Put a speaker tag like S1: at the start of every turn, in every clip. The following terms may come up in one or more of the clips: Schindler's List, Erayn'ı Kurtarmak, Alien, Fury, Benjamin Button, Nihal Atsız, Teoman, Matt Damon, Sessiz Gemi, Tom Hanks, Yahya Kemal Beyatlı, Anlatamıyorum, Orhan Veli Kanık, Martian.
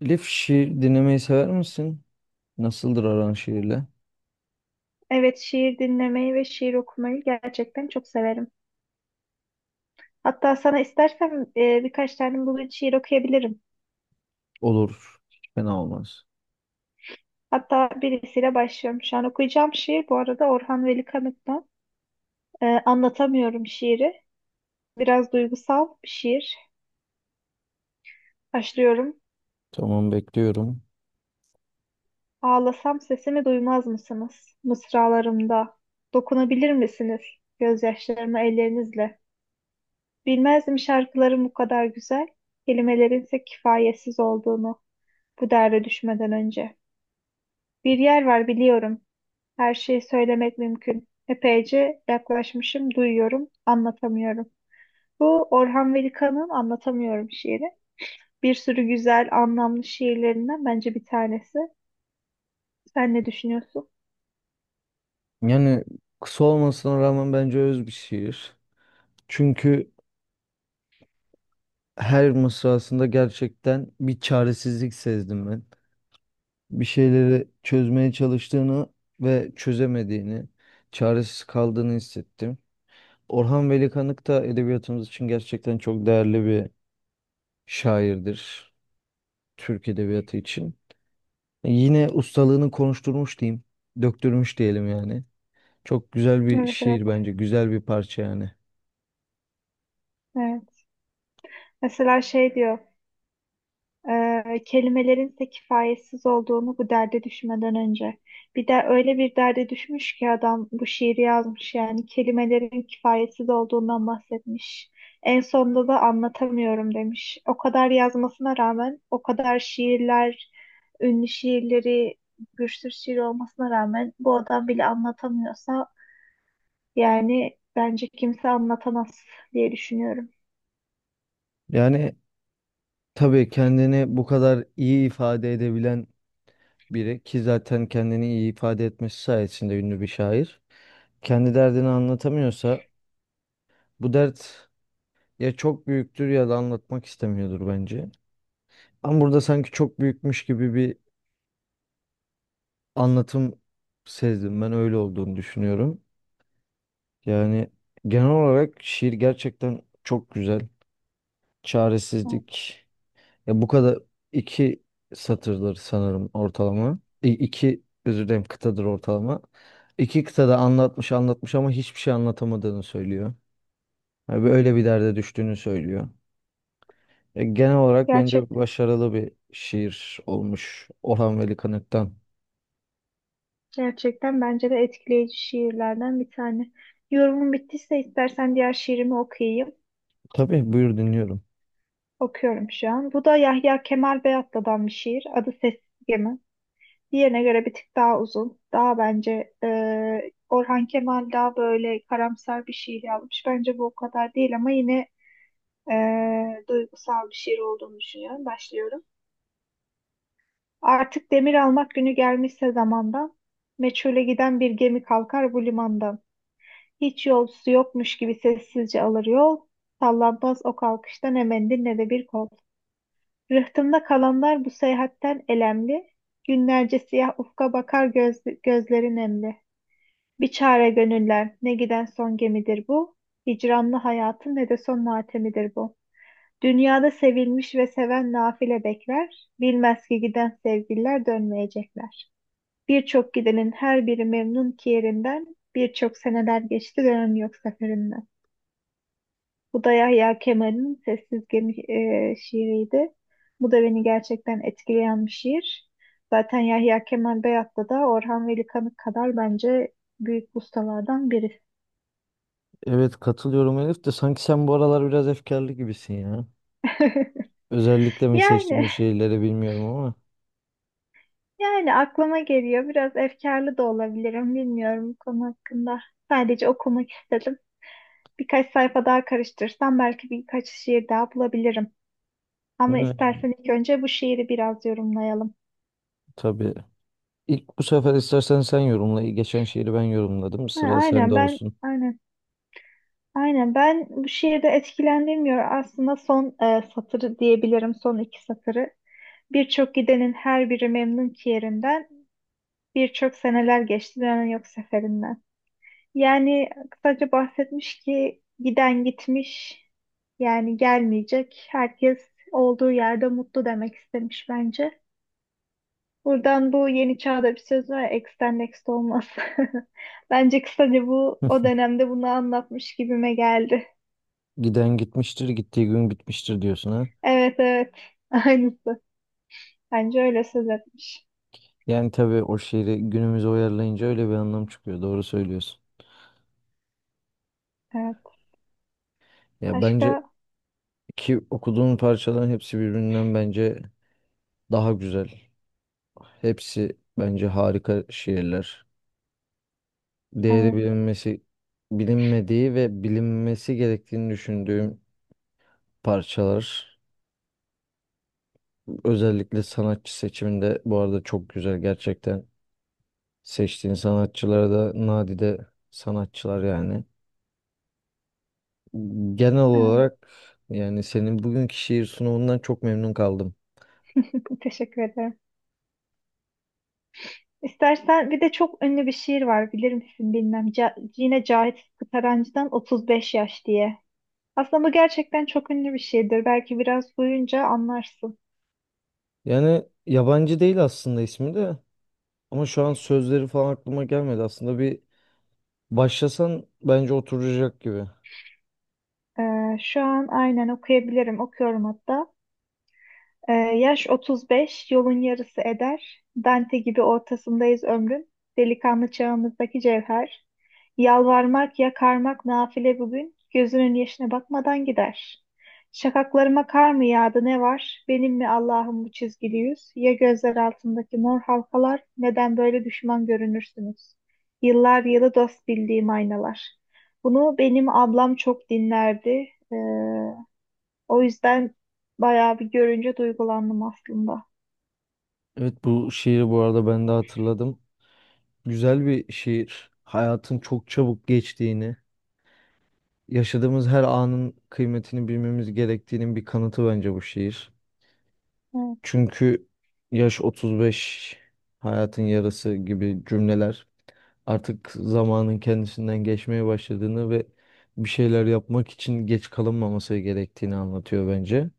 S1: Elif şiir dinlemeyi sever misin? Nasıldır aran şiirle?
S2: Evet, şiir dinlemeyi ve şiir okumayı gerçekten çok severim. Hatta sana istersen birkaç tane bugün şiir okuyabilirim.
S1: Olur. Hiç fena olmaz.
S2: Hatta birisiyle başlıyorum. Şu an okuyacağım şiir bu arada Orhan Veli Kanık'tan. Anlatamıyorum şiiri. Biraz duygusal bir şiir. Başlıyorum.
S1: Tamam bekliyorum.
S2: Ağlasam sesimi duymaz mısınız? Mısralarımda. Dokunabilir misiniz? Gözyaşlarımı ellerinizle. Bilmezdim şarkıların bu kadar güzel, kelimelerinse kifayetsiz olduğunu bu derde düşmeden önce. Bir yer var biliyorum. Her şeyi söylemek mümkün. Epeyce yaklaşmışım, duyuyorum, anlatamıyorum. Bu Orhan Veli-Kanık'ın Anlatamıyorum şiiri. Bir sürü güzel, anlamlı şiirlerinden bence bir tanesi. Sen ne düşünüyorsun?
S1: Yani kısa olmasına rağmen bence öz bir şiir. Çünkü her mısrasında gerçekten bir çaresizlik sezdim ben. Bir şeyleri çözmeye çalıştığını ve çözemediğini, çaresiz kaldığını hissettim. Orhan Veli Kanık da edebiyatımız için gerçekten çok değerli bir şairdir. Türk edebiyatı için. Yine ustalığını konuşturmuş diyeyim. Döktürmüş diyelim yani. Çok güzel bir
S2: Evet, evet.
S1: şiir bence. Güzel bir parça yani.
S2: Evet. Mesela şey diyor, kelimelerin ise kifayetsiz olduğunu bu derde düşmeden önce. Bir de öyle bir derde düşmüş ki adam bu şiiri yazmış, yani kelimelerin kifayetsiz olduğundan bahsetmiş. En sonunda da anlatamıyorum demiş. O kadar yazmasına rağmen, o kadar şiirler, ünlü şiirleri, bir sürü şiir olmasına rağmen bu adam bile anlatamıyorsa yani bence kimse anlatamaz diye düşünüyorum.
S1: Yani tabii kendini bu kadar iyi ifade edebilen biri ki zaten kendini iyi ifade etmesi sayesinde ünlü bir şair. Kendi derdini anlatamıyorsa bu dert ya çok büyüktür ya da anlatmak istemiyordur bence. Ama burada sanki çok büyükmüş gibi bir anlatım sezdim. Ben öyle olduğunu düşünüyorum. Yani genel olarak şiir gerçekten çok güzel. Çaresizlik. Ya bu kadar iki satırdır sanırım ortalama. İ iki özür dilerim kıtadır ortalama. İki kıtada anlatmış anlatmış ama hiçbir şey anlatamadığını söylüyor. Yani öyle bir derde düştüğünü söylüyor. Ya genel olarak bence
S2: Gerçekten.
S1: başarılı bir şiir olmuş Orhan Veli Kanık'tan.
S2: Gerçekten bence de etkileyici şiirlerden bir tane. Yorumun bittiyse istersen diğer şiirimi okuyayım.
S1: Tabii buyur dinliyorum.
S2: Okuyorum şu an. Bu da Yahya Kemal Beyatlı'dan bir şiir. Adı Sessiz Gemi. Diğerine göre bir tık daha uzun. Daha bence Orhan Kemal daha böyle karamsar bir şiir yazmış. Bence bu o kadar değil ama yine e, duygusal bir şiir olduğunu düşünüyorum. Başlıyorum. Artık demir almak günü gelmişse zamandan, meçhule giden bir gemi kalkar bu limandan. Hiç yolcusu yokmuş gibi sessizce alır yol. Sallanmaz o kalkıştan emendin ne de bir kol. Rıhtımda kalanlar bu seyahatten elemli. Günlerce siyah ufka bakar göz, gözleri nemli. Bir çare gönüller ne giden son gemidir bu. Hicranlı hayatın ne de son matemidir bu. Dünyada sevilmiş ve seven nafile bekler. Bilmez ki giden sevgililer dönmeyecekler. Birçok gidenin her biri memnun ki yerinden. Birçok seneler geçti dönem yok seferinden. Bu da Yahya Kemal'in Sessiz Gemi şiiriydi. Bu da beni gerçekten etkileyen bir şiir. Zaten Yahya Kemal Beyat'ta da Orhan Veli Kanık kadar bence büyük ustalardan biri.
S1: Evet katılıyorum Elif de sanki sen bu aralar biraz efkarlı gibisin ya. Özellikle mi seçtim
S2: Yani
S1: bu şiirleri bilmiyorum ama.
S2: yani aklıma geliyor. Biraz efkarlı da olabilirim. Bilmiyorum bu konu hakkında. Sadece okumak istedim. Birkaç sayfa daha karıştırsam belki birkaç şiir daha bulabilirim. Ama
S1: Evet.
S2: istersen ilk önce bu şiiri biraz yorumlayalım.
S1: Tabii. İlk bu sefer istersen sen yorumla. Geçen şiiri ben yorumladım.
S2: Ha,
S1: Sıra sende olsun.
S2: Aynen ben bu şiirde etkilendirmiyor aslında son satırı diyebilirim, son iki satırı. Birçok gidenin her biri memnun ki yerinden, birçok seneler geçti dönen yok seferinden. Yani kısaca bahsetmiş ki giden gitmiş, yani gelmeyecek. Herkes olduğu yerde mutlu demek istemiş bence. Buradan bu yeni çağda bir söz var ya, ex'ten next olmaz. Bence kısaca bu o dönemde bunu anlatmış gibime geldi.
S1: Giden gitmiştir, gittiği gün bitmiştir diyorsun ha.
S2: Evet, evet. Aynısı. Bence öyle söz etmiş.
S1: Yani tabii o şiiri günümüze uyarlayınca öyle bir anlam çıkıyor. Doğru söylüyorsun.
S2: Evet.
S1: Ya bence
S2: Başka?
S1: ki okuduğun parçaların hepsi birbirinden bence daha güzel. Hepsi bence harika şiirler. Değeri
S2: Evet.
S1: bilinmesi, bilinmediği ve bilinmesi gerektiğini düşündüğüm parçalar. Özellikle sanatçı seçiminde bu arada çok güzel gerçekten. Seçtiğin sanatçılara da nadide sanatçılar yani. Genel
S2: Evet.
S1: olarak yani senin bugünkü şiir sunumundan çok memnun kaldım.
S2: Teşekkür ederim. İstersen bir de çok ünlü bir şiir var, bilir misin bilmem. Ca yine Cahit Sıtkı Tarancı'dan 35 yaş diye. Aslında bu gerçekten çok ünlü bir şiirdir. Belki biraz duyunca anlarsın.
S1: Yani yabancı değil aslında ismi de ama şu an sözleri falan aklıma gelmedi. Aslında bir başlasan bence oturacak gibi.
S2: Şu an aynen okuyabilirim. Okuyorum hatta. Yaş 35, yolun yarısı eder. Dante gibi ortasındayız ömrün. Delikanlı çağımızdaki cevher. Yalvarmak, yakarmak nafile bugün. Gözünün yaşına bakmadan gider. Şakaklarıma kar mı yağdı ne var? Benim mi Allah'ım bu çizgili yüz? Ya gözler altındaki mor halkalar? Neden böyle düşman görünürsünüz? Yıllar yılı dost bildiğim aynalar. Bunu benim ablam çok dinlerdi. Ee, O yüzden bayağı bir görünce duygulandım aslında.
S1: Evet bu şiiri bu arada ben de hatırladım. Güzel bir şiir. Hayatın çok çabuk geçtiğini. Yaşadığımız her anın kıymetini bilmemiz gerektiğinin bir kanıtı bence bu şiir.
S2: Evet.
S1: Çünkü yaş 35, hayatın yarısı gibi cümleler artık zamanın kendisinden geçmeye başladığını ve bir şeyler yapmak için geç kalınmaması gerektiğini anlatıyor bence.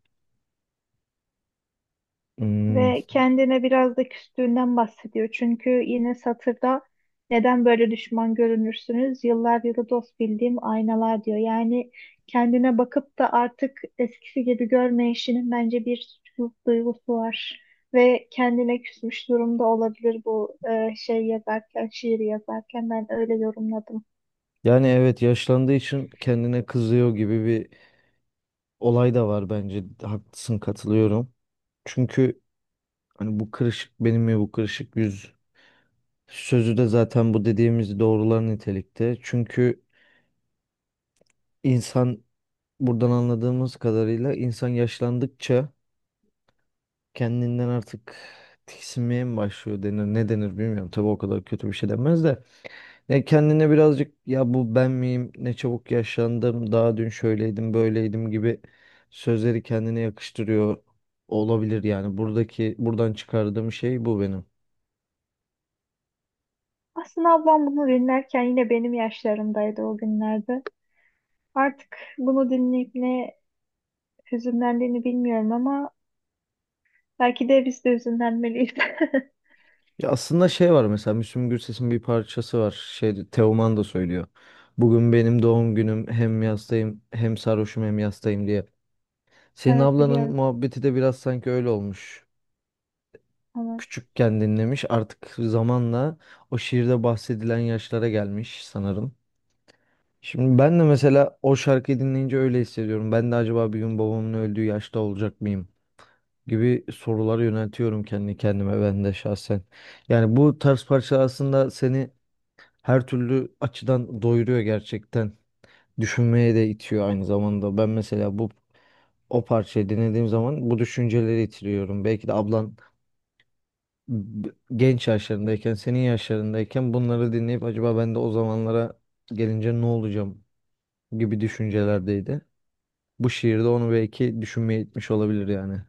S1: Hmm,
S2: Ve kendine biraz da küstüğünden bahsediyor. Çünkü yine satırda neden böyle düşman görünürsünüz? Yıllar yılı dost bildiğim aynalar diyor. Yani kendine bakıp da artık eskisi gibi görmeyişinin bence bir suçluluk duygusu var. Ve kendine küsmüş durumda olabilir, bu şey yazarken, şiiri yazarken ben öyle yorumladım.
S1: Yani evet yaşlandığı için kendine kızıyor gibi bir olay da var bence. Haklısın katılıyorum. Çünkü hani bu kırışık benim mi bu kırışık yüz sözü de zaten bu dediğimiz doğrular nitelikte. Çünkü insan buradan anladığımız kadarıyla insan yaşlandıkça kendinden artık tiksinmeye mi başlıyor denir ne denir bilmiyorum. Tabii o kadar kötü bir şey denmez de. Ne kendine birazcık ya bu ben miyim ne çabuk yaşlandım daha dün şöyleydim böyleydim gibi sözleri kendine yakıştırıyor olabilir yani. Buradaki buradan çıkardığım şey bu benim.
S2: Aslında ablam bunu dinlerken yine benim yaşlarımdaydı o günlerde. Artık bunu dinleyip ne hüzünlendiğini bilmiyorum, ama belki de biz de hüzünlenmeliyiz.
S1: Ya aslında şey var mesela Müslüm Gürses'in bir parçası var. Şey Teoman da söylüyor. Bugün benim doğum günüm hem yastayım hem sarhoşum hem yastayım diye. Senin
S2: Evet,
S1: ablanın
S2: biliyorum.
S1: muhabbeti de biraz sanki öyle olmuş.
S2: Onu
S1: Küçükken dinlemiş artık zamanla o şiirde bahsedilen yaşlara gelmiş sanırım. Şimdi ben de mesela o şarkıyı dinleyince öyle hissediyorum. Ben de acaba bir gün babamın öldüğü yaşta olacak mıyım gibi soruları yöneltiyorum kendi kendime ben de şahsen. Yani bu tarz parça aslında seni her türlü açıdan doyuruyor gerçekten. Düşünmeye de itiyor aynı zamanda. Ben mesela bu o parçayı dinlediğim zaman bu düşünceleri itiriyorum. Belki de ablan b- genç yaşlarındayken, senin yaşlarındayken bunları dinleyip acaba ben de o zamanlara gelince ne olacağım gibi düşüncelerdeydi. Bu şiirde onu belki düşünmeye itmiş olabilir yani.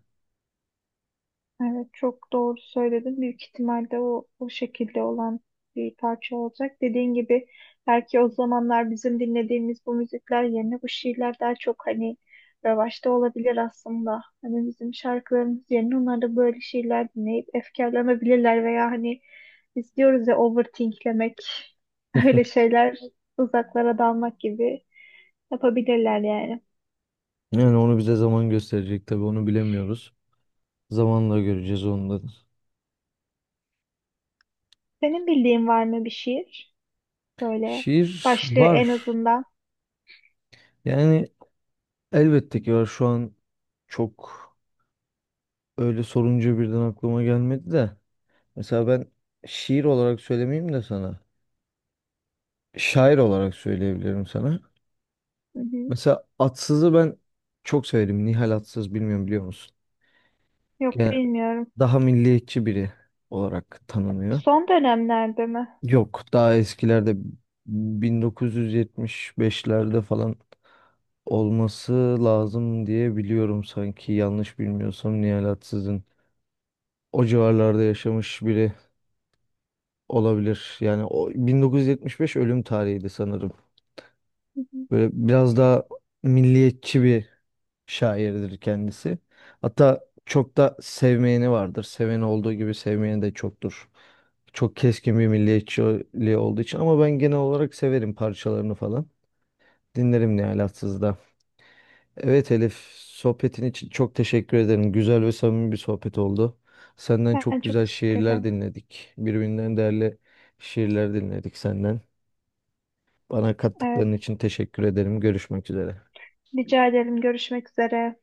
S2: evet, çok doğru söyledin. Büyük ihtimalle o şekilde olan bir parça olacak. Dediğin gibi belki o zamanlar bizim dinlediğimiz bu müzikler yerine bu şiirler daha çok hani revaçta olabilir aslında. Hani bizim şarkılarımız yerine onlar da böyle şiirler dinleyip efkarlanabilirler, veya hani biz diyoruz ya overthinklemek öyle şeyler, uzaklara dalmak gibi yapabilirler yani.
S1: Yani onu bize zaman gösterecek tabii onu bilemiyoruz. Zamanla göreceğiz onu da.
S2: Senin bildiğin var mı bir şiir? Böyle
S1: Şiir
S2: başlığı
S1: var.
S2: en azından.
S1: Yani elbette ki var. Şu an çok öyle sorunca birden aklıma gelmedi de. Mesela ben şiir olarak söylemeyeyim de sana. Şair olarak söyleyebilirim sana.
S2: Hı hı.
S1: Mesela Atsız'ı ben çok severim. Nihal Atsız bilmiyorum biliyor musun?
S2: Yok,
S1: Gene
S2: bilmiyorum.
S1: daha milliyetçi biri olarak tanınıyor.
S2: Son dönemlerde mi?
S1: Yok daha eskilerde 1975'lerde falan olması lazım diye biliyorum sanki yanlış bilmiyorsam Nihal Atsız'ın. O civarlarda yaşamış biri olabilir. Yani o 1975 ölüm tarihiydi sanırım.
S2: Hı hı.
S1: Böyle biraz daha milliyetçi bir şairdir kendisi. Hatta çok da sevmeyeni vardır. Seveni olduğu gibi sevmeyeni de çoktur. Çok keskin bir milliyetçiliği olduğu için ama ben genel olarak severim parçalarını falan. Dinlerim ne alaksız da. Evet Elif, sohbetin için çok teşekkür ederim. Güzel ve samimi bir sohbet oldu. Senden çok
S2: Ben çok
S1: güzel
S2: teşekkür
S1: şiirler
S2: ederim.
S1: dinledik. Birbirinden değerli şiirler dinledik senden. Bana
S2: Evet.
S1: kattıkların için teşekkür ederim. Görüşmek üzere.
S2: Rica ederim. Görüşmek üzere.